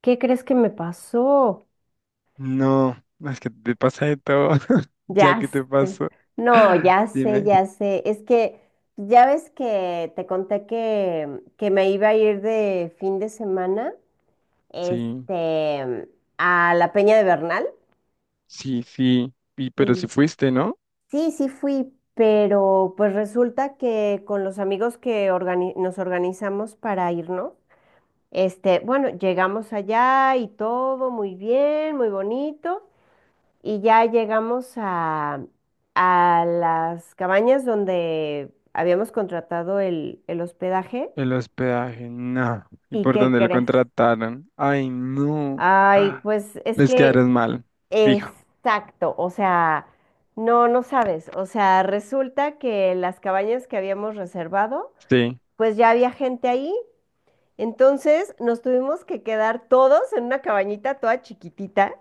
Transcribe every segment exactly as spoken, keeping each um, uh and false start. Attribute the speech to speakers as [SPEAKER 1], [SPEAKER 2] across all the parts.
[SPEAKER 1] ¿Qué crees que me pasó?
[SPEAKER 2] No, es que te pasa de todo, ya
[SPEAKER 1] Ya
[SPEAKER 2] que te
[SPEAKER 1] sé.
[SPEAKER 2] pasó.
[SPEAKER 1] No, ya sé,
[SPEAKER 2] Dime,
[SPEAKER 1] ya sé. Es que ya ves que te conté que, que me iba a ir de fin de semana,
[SPEAKER 2] sí,
[SPEAKER 1] este, a la Peña de Bernal.
[SPEAKER 2] sí, sí, y, pero si
[SPEAKER 1] Y
[SPEAKER 2] fuiste, ¿no?
[SPEAKER 1] sí, sí fui, pero pues resulta que con los amigos que organi- nos organizamos para irnos, este, bueno, llegamos allá y todo muy bien, muy bonito. Y ya llegamos a, a las cabañas donde habíamos contratado el, el hospedaje.
[SPEAKER 2] El hospedaje, no. ¿Y
[SPEAKER 1] ¿Y
[SPEAKER 2] por
[SPEAKER 1] qué
[SPEAKER 2] dónde lo
[SPEAKER 1] crees?
[SPEAKER 2] contrataron? Ay, no.
[SPEAKER 1] Ay,
[SPEAKER 2] Ah,
[SPEAKER 1] pues es
[SPEAKER 2] les
[SPEAKER 1] que
[SPEAKER 2] quedaron mal, fijo.
[SPEAKER 1] exacto, o sea, no, no sabes. O sea, resulta que las cabañas que habíamos reservado,
[SPEAKER 2] Sí.
[SPEAKER 1] pues ya había gente ahí. Entonces nos tuvimos que quedar todos en una cabañita toda chiquitita.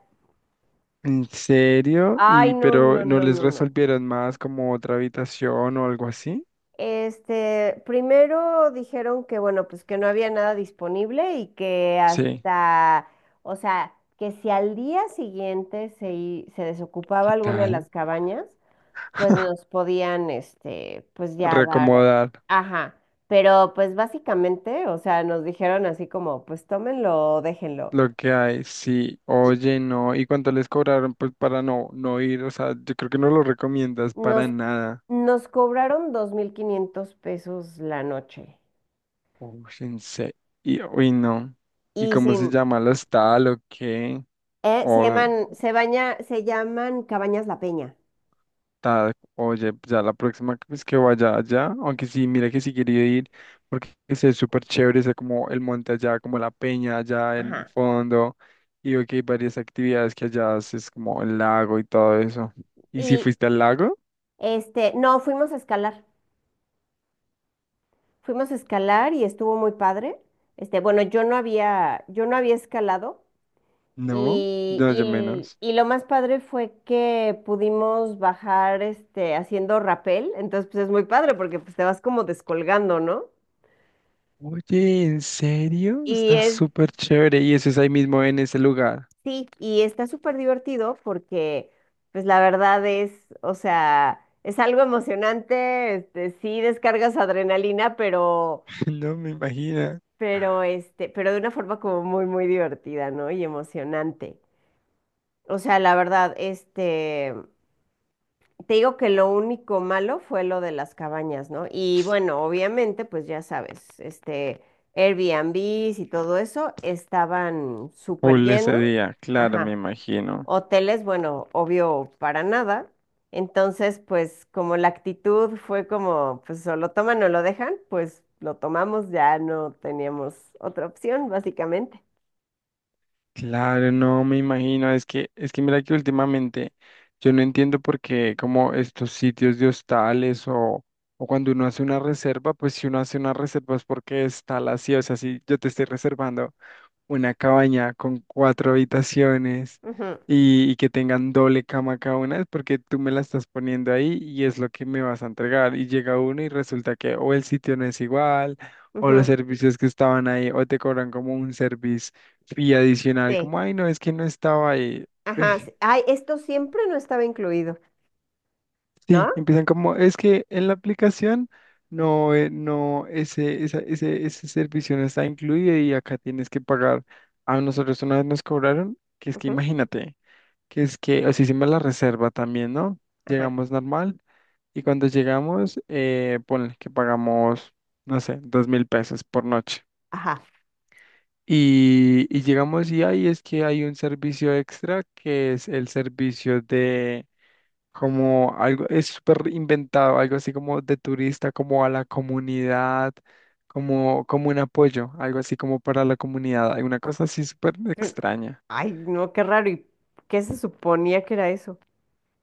[SPEAKER 2] ¿En serio?
[SPEAKER 1] Ay,
[SPEAKER 2] ¿Y
[SPEAKER 1] no,
[SPEAKER 2] pero
[SPEAKER 1] no,
[SPEAKER 2] no
[SPEAKER 1] no,
[SPEAKER 2] les
[SPEAKER 1] no, no.
[SPEAKER 2] resolvieron más como otra habitación o algo así?
[SPEAKER 1] Este, primero dijeron que, bueno, pues que no había nada disponible y que
[SPEAKER 2] Sí.
[SPEAKER 1] hasta, o sea, que si al día siguiente se, i- se desocupaba
[SPEAKER 2] ¿Qué
[SPEAKER 1] alguna de
[SPEAKER 2] tal?
[SPEAKER 1] las cabañas, pues nos podían, este, pues ya dar otra.
[SPEAKER 2] Reacomodar.
[SPEAKER 1] Ajá, pero pues básicamente, o sea, nos dijeron así como, pues tómenlo, o déjenlo.
[SPEAKER 2] Lo que hay, sí,
[SPEAKER 1] Y
[SPEAKER 2] oye, no, ¿y cuánto les cobraron? Pues para no, no ir, o sea, yo creo que no lo recomiendas
[SPEAKER 1] nos,
[SPEAKER 2] para nada.
[SPEAKER 1] nos cobraron dos mil quinientos pesos la noche
[SPEAKER 2] Uy, en se- y, uy, no. ¿Y
[SPEAKER 1] y
[SPEAKER 2] cómo se
[SPEAKER 1] sin...
[SPEAKER 2] llama la tal o qué?
[SPEAKER 1] Eh, se
[SPEAKER 2] O
[SPEAKER 1] llaman, se baña, se llaman Cabañas La Peña.
[SPEAKER 2] tal, oye, ya la próxima vez que vaya allá, aunque sí, mira que sí quería ir, porque ese es súper chévere, ese como el monte allá, como la peña allá en el
[SPEAKER 1] Ajá.
[SPEAKER 2] fondo, y veo que hay varias actividades que allá haces, como el lago y todo eso. ¿Y si
[SPEAKER 1] Y
[SPEAKER 2] fuiste al lago?
[SPEAKER 1] este, no, fuimos a escalar. Fuimos a escalar y estuvo muy padre. Este, bueno, yo no había, yo no había escalado.
[SPEAKER 2] No,
[SPEAKER 1] Y,
[SPEAKER 2] no, yo
[SPEAKER 1] y,
[SPEAKER 2] menos.
[SPEAKER 1] y lo más padre fue que pudimos bajar este, haciendo rapel. Entonces, pues es muy padre porque pues, te vas como descolgando, ¿no?
[SPEAKER 2] Oye, ¿en serio?
[SPEAKER 1] Y
[SPEAKER 2] Está
[SPEAKER 1] es,
[SPEAKER 2] súper chévere y eso es ahí mismo en ese lugar.
[SPEAKER 1] Sí, y está súper divertido porque, pues la verdad es, o sea, es algo emocionante, este, sí descargas adrenalina, pero,
[SPEAKER 2] No me imagino.
[SPEAKER 1] pero, este, pero de una forma como muy, muy divertida, ¿no? Y emocionante. O sea, la verdad, este, te digo que lo único malo fue lo de las cabañas, ¿no? Y bueno, obviamente, pues ya sabes, este, Airbnbs y todo eso estaban súper
[SPEAKER 2] Full ese
[SPEAKER 1] llenos.
[SPEAKER 2] día, claro, me
[SPEAKER 1] Ajá.
[SPEAKER 2] imagino.
[SPEAKER 1] Hoteles, bueno, obvio, para nada. Entonces, pues como la actitud fue como, pues o lo toman o lo dejan, pues lo tomamos, ya no teníamos otra opción, básicamente.
[SPEAKER 2] Claro, no me imagino. Es que, es que mira que últimamente yo no entiendo por qué como estos sitios de hostales o, o cuando uno hace una reserva, pues si uno hace una reserva es porque está la sí, o sea, si yo te estoy reservando. Una cabaña con cuatro habitaciones
[SPEAKER 1] Ujú,
[SPEAKER 2] y, y que tengan doble cama cada una, es porque tú me la estás poniendo ahí y es lo que me vas a entregar. Y llega uno y resulta que o el sitio no es igual, o los
[SPEAKER 1] ujú,
[SPEAKER 2] servicios que estaban ahí, o te cobran como un service fee adicional,
[SPEAKER 1] sí,
[SPEAKER 2] como, ay, no, es que no estaba ahí.
[SPEAKER 1] ajá, sí. Ay, esto siempre no estaba incluido, ¿no?
[SPEAKER 2] Sí, empiezan como, es que en la aplicación no, eh, no, ese, esa- ese, ese servicio no está incluido y acá tienes que pagar. A nosotros una vez nos cobraron, que es que
[SPEAKER 1] Ujú,
[SPEAKER 2] imagínate, que es que, así hicimos la reserva también, ¿no?
[SPEAKER 1] ajá,
[SPEAKER 2] Llegamos normal y cuando llegamos, eh, ponle que pagamos, no sé, dos mil pesos por noche.
[SPEAKER 1] ajá.
[SPEAKER 2] Y, y llegamos y ahí es que hay un servicio extra que es el servicio como algo, es súper inventado, algo así como de turista, como a la comunidad, como, como un apoyo, algo así como para la comunidad, alguna cosa así súper
[SPEAKER 1] Mm,
[SPEAKER 2] extraña.
[SPEAKER 1] ay, no, qué raro. ¿Y qué se suponía que era eso?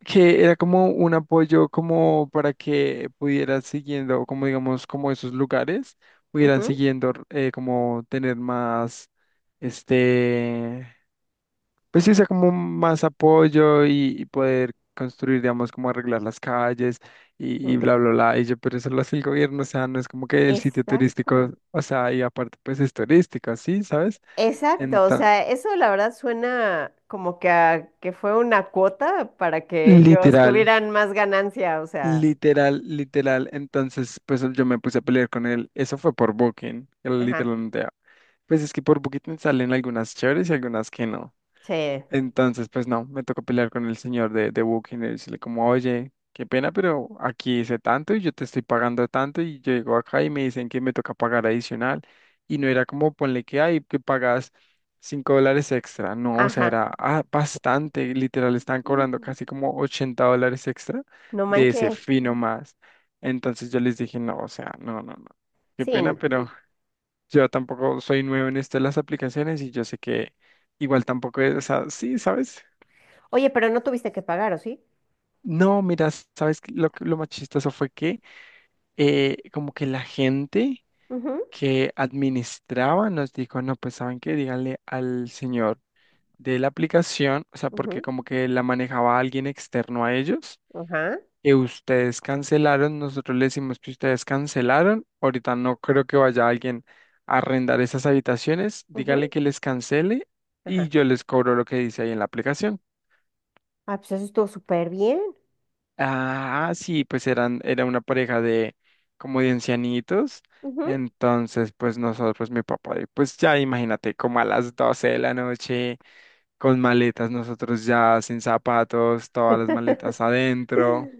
[SPEAKER 2] Que era como un apoyo como para que pudieran siguiendo, como digamos, como esos lugares, pudieran
[SPEAKER 1] Ujú,
[SPEAKER 2] siguiendo eh, como tener más, este, pues sí, sea como más apoyo y, y poder construir, digamos, como arreglar las calles y, y
[SPEAKER 1] ujú,
[SPEAKER 2] bla, bla, bla. Y yo, pero eso lo hace el gobierno, o sea, no es como que el sitio
[SPEAKER 1] exacto.
[SPEAKER 2] turístico, o sea, y aparte, pues es turístico, ¿sí? ¿Sabes?
[SPEAKER 1] Exacto, o
[SPEAKER 2] Enta-
[SPEAKER 1] sea, eso la verdad suena como que a- que fue una cuota para que ellos
[SPEAKER 2] Literal,
[SPEAKER 1] tuvieran más ganancia, o sea,
[SPEAKER 2] literal, literal. Entonces, pues yo me puse a pelear con él. Eso fue por Booking, él
[SPEAKER 1] ajá,
[SPEAKER 2] literalmente. Pues es que por Booking salen algunas chéveres y algunas que no.
[SPEAKER 1] sí,
[SPEAKER 2] Entonces, pues no, me tocó pelear con el señor de, de Booking y decirle como, oye, qué pena, pero aquí hice tanto y yo te estoy pagando tanto y yo llego acá y me dicen que me toca pagar adicional y no era como ponle que hay que pagas cinco dólares extra, no, o sea,
[SPEAKER 1] ajá.
[SPEAKER 2] era ah, bastante, literal, estaban cobrando
[SPEAKER 1] Mm,
[SPEAKER 2] casi como ochenta dólares extra
[SPEAKER 1] no
[SPEAKER 2] de ese
[SPEAKER 1] manches,
[SPEAKER 2] fino más. Entonces yo les dije, no, o sea, no, no, no, qué
[SPEAKER 1] sí.
[SPEAKER 2] pena,
[SPEAKER 1] No.
[SPEAKER 2] pero yo tampoco soy nuevo en esto de las aplicaciones y yo sé que igual tampoco es, o sea, sí, ¿sabes?
[SPEAKER 1] Oye, pero no tuviste que pagar, ¿o sí?
[SPEAKER 2] No, mira, ¿sabes qué? lo, que- lo más chistoso fue que eh, como que la gente
[SPEAKER 1] Ujú,
[SPEAKER 2] que administraba nos dijo, no, pues saben qué, díganle al señor de la aplicación, o sea, porque
[SPEAKER 1] ujú,
[SPEAKER 2] como que la manejaba alguien externo a ellos
[SPEAKER 1] ajá,
[SPEAKER 2] que ustedes cancelaron, nosotros le decimos que ustedes cancelaron. Ahorita no creo que vaya alguien a arrendar esas habitaciones. Díganle
[SPEAKER 1] ujú,
[SPEAKER 2] que les cancele y
[SPEAKER 1] ajá.
[SPEAKER 2] yo les cobro lo que dice ahí en la aplicación.
[SPEAKER 1] Ah, pues eso estuvo súper bien.
[SPEAKER 2] Ah, sí, pues eran, era una pareja de como de ancianitos.
[SPEAKER 1] Ujú.
[SPEAKER 2] Entonces, pues nosotros, pues mi papá, y pues ya imagínate, como a las doce de la noche, con maletas, nosotros ya sin zapatos, todas las maletas adentro.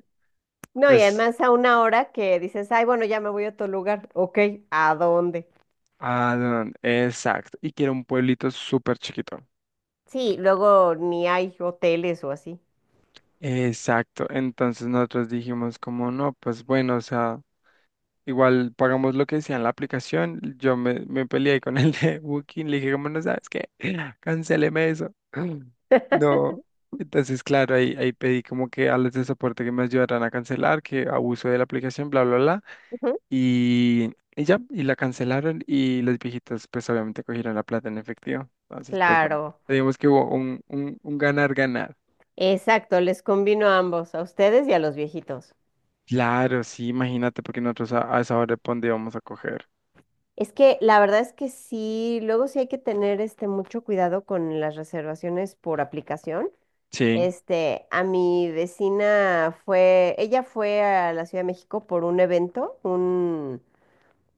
[SPEAKER 1] No, y
[SPEAKER 2] Pues
[SPEAKER 1] además a una hora que dices, ay, bueno, ya me voy a otro lugar. Ok, ¿a dónde?
[SPEAKER 2] ah, no, exacto. Y que era un pueblito súper chiquito.
[SPEAKER 1] Sí, luego ni hay hoteles o así.
[SPEAKER 2] Exacto. Entonces nosotros dijimos como no, pues bueno, o sea, igual pagamos lo que decía en la aplicación. Yo me, me peleé con el de Booking, le dije como no sabes qué, cancéleme eso. No. Entonces, claro, ahí, ahí pedí como que a los de soporte que me ayudaran a cancelar, que abuso de la aplicación, bla, bla, bla. Y, y ya, y la cancelaron y los viejitos pues obviamente cogieron la plata en efectivo. Entonces, pues bueno,
[SPEAKER 1] Claro,
[SPEAKER 2] digamos que hubo un, un, un ganar, ganar.
[SPEAKER 1] exacto, les convino a ambos, a ustedes y a los viejitos.
[SPEAKER 2] Claro, sí, imagínate, porque nosotros a, a esa hora de dónde íbamos a coger.
[SPEAKER 1] Es que la verdad es que sí, luego sí hay que tener este mucho cuidado con las reservaciones por aplicación.
[SPEAKER 2] Sí,
[SPEAKER 1] Este, a mi vecina fue, ella fue a la Ciudad de México por un evento, un,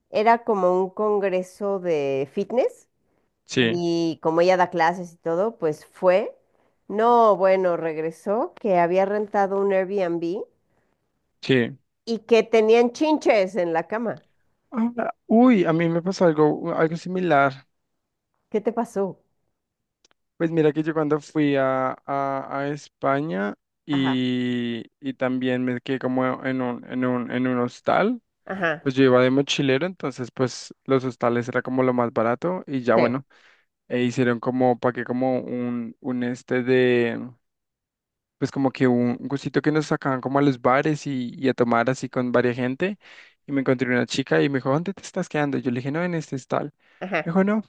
[SPEAKER 1] era como un congreso de fitness
[SPEAKER 2] sí,
[SPEAKER 1] y como ella da clases y todo, pues fue. No, bueno, regresó que había rentado un Airbnb
[SPEAKER 2] sí.
[SPEAKER 1] y que tenían chinches en la cama.
[SPEAKER 2] Ah, uy, a mí me pasó algo, algo similar.
[SPEAKER 1] ¿Qué te pasó?
[SPEAKER 2] Pues mira que yo cuando fui a, a, a España
[SPEAKER 1] Ajá,
[SPEAKER 2] y, y también me quedé como en un, en un, en un hostal.
[SPEAKER 1] ajá,
[SPEAKER 2] Pues yo iba de mochilero, entonces pues los hostales era como lo más barato y ya
[SPEAKER 1] sí,
[SPEAKER 2] bueno, e hicieron como, pagué como un, un este de, pues como que un gustito que nos sacaban como a los bares y, y a tomar así con varia gente y me encontré una chica y me dijo, ¿dónde te estás quedando? Yo le dije, no, en este hostal. Me
[SPEAKER 1] ajá,
[SPEAKER 2] dijo, no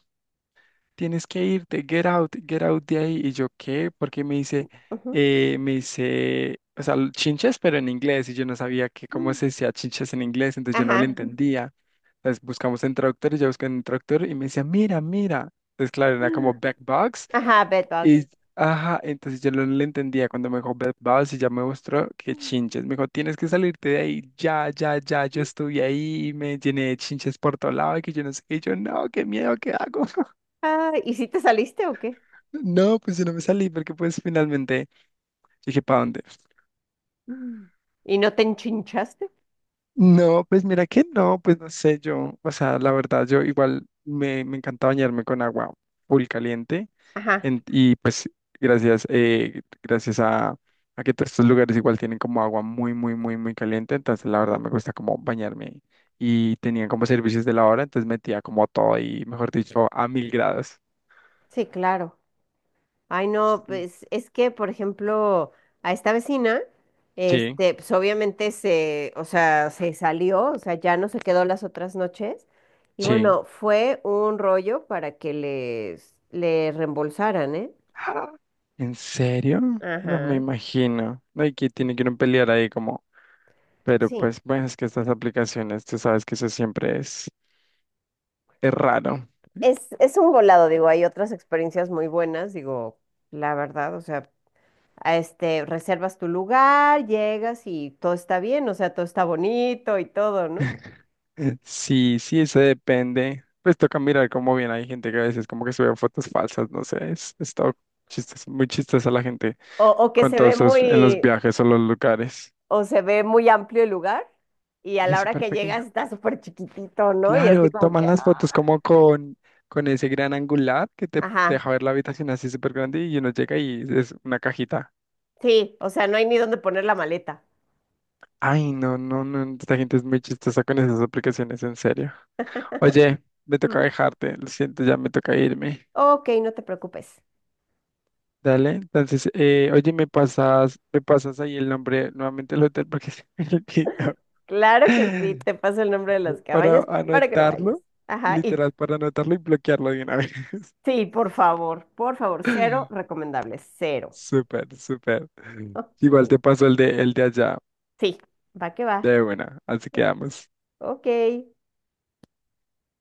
[SPEAKER 2] tienes que irte, get out, get out de ahí. Y yo, ¿qué? Porque me dice,
[SPEAKER 1] ujú,
[SPEAKER 2] eh, me dice, o sea, chinches, pero en inglés, y yo no sabía que cómo
[SPEAKER 1] mm,
[SPEAKER 2] se decía chinches en inglés, entonces yo no lo
[SPEAKER 1] ajá,
[SPEAKER 2] entendía. Entonces buscamos en traductor, y yo busqué en el traductor, y me decía, mira, mira. Entonces, claro, era como backbox,
[SPEAKER 1] ajá, bedbugs.
[SPEAKER 2] y, ajá, entonces yo no le entendía cuando me dijo backbox, y ya me mostró que
[SPEAKER 1] Mm,
[SPEAKER 2] chinches. Me dijo, tienes que salirte de ahí, ya, ya, ya, yo estuve ahí, y me llené de chinches por todo lado, y que yo no sé qué, y yo, no, qué miedo, ¿qué hago?
[SPEAKER 1] ah, ¿y si te saliste o qué?
[SPEAKER 2] No, pues yo no me salí porque pues finalmente dije, ¿para dónde?
[SPEAKER 1] Mm. ¿Y no te enchinchaste?
[SPEAKER 2] No, pues mira que no, pues no sé yo, o sea, la verdad yo igual me, me encanta bañarme con agua full caliente
[SPEAKER 1] Ajá,
[SPEAKER 2] en- y pues gracias, eh, gracias a, a que todos estos lugares igual tienen como agua muy, muy, muy, muy caliente, entonces la verdad
[SPEAKER 1] ujú,
[SPEAKER 2] me gusta como bañarme y tenían como servicios de la hora, entonces metía como todo y mejor dicho a mil grados.
[SPEAKER 1] sí, claro. Ay, no,
[SPEAKER 2] Sí,
[SPEAKER 1] pues es que, por ejemplo, a esta vecina,
[SPEAKER 2] sí,
[SPEAKER 1] este, pues obviamente se, o sea, se salió, o sea, ya no se quedó las otras noches. Y
[SPEAKER 2] sí.
[SPEAKER 1] bueno, fue un rollo para que les, le reembolsaran, ¿eh?
[SPEAKER 2] Ah, ¿en serio? No me
[SPEAKER 1] Ajá.
[SPEAKER 2] imagino. Hay que tiene que ir a pelear ahí como. Pero
[SPEAKER 1] Sí,
[SPEAKER 2] pues, bueno, es que estas aplicaciones, tú sabes que eso siempre es, es raro.
[SPEAKER 1] es, es un volado, digo, hay otras experiencias muy buenas, digo, la verdad, o sea, a este, reservas tu lugar, llegas y todo está bien, o sea, todo está bonito y todo, ¿no?
[SPEAKER 2] Sí, sí, eso depende. Pues toca mirar cómo bien hay gente que a veces como que sube fotos falsas, no sé, es, es todo chistes, muy chistosa la gente
[SPEAKER 1] O, o que
[SPEAKER 2] con
[SPEAKER 1] se ve
[SPEAKER 2] todos esos
[SPEAKER 1] muy,
[SPEAKER 2] en los viajes o los lugares.
[SPEAKER 1] o se ve muy amplio el lugar y a
[SPEAKER 2] Y
[SPEAKER 1] la
[SPEAKER 2] es
[SPEAKER 1] hora
[SPEAKER 2] súper
[SPEAKER 1] que llegas
[SPEAKER 2] pequeño.
[SPEAKER 1] está súper chiquitito, ¿no? Y así
[SPEAKER 2] Claro,
[SPEAKER 1] como
[SPEAKER 2] toman
[SPEAKER 1] que,
[SPEAKER 2] las
[SPEAKER 1] ah.
[SPEAKER 2] fotos como con, con ese gran angular que te
[SPEAKER 1] Ajá,
[SPEAKER 2] deja ver la habitación así súper grande y uno llega y es una cajita.
[SPEAKER 1] sí, o sea, no hay ni dónde poner la maleta.
[SPEAKER 2] Ay, no, no, no, esta gente es muy chistosa con esas aplicaciones, en serio. Oye, me toca
[SPEAKER 1] Mm,
[SPEAKER 2] dejarte, lo siento, ya me toca irme.
[SPEAKER 1] ok, no te preocupes.
[SPEAKER 2] Dale, entonces, eh, oye, me pasas, me pasas ahí el nombre nuevamente del hotel porque se me olvidó.
[SPEAKER 1] Claro que sí, te paso el nombre de las
[SPEAKER 2] Para
[SPEAKER 1] cabañas para que no vayas.
[SPEAKER 2] anotarlo,
[SPEAKER 1] Ajá, y
[SPEAKER 2] literal, para anotarlo y bloquearlo de una vez.
[SPEAKER 1] sí, por favor, por favor, cero recomendable, cero.
[SPEAKER 2] Súper, súper.
[SPEAKER 1] Ok,
[SPEAKER 2] Igual te paso el de, el de allá,
[SPEAKER 1] sí, va que va.
[SPEAKER 2] de buena. Así quedamos.
[SPEAKER 1] Ok.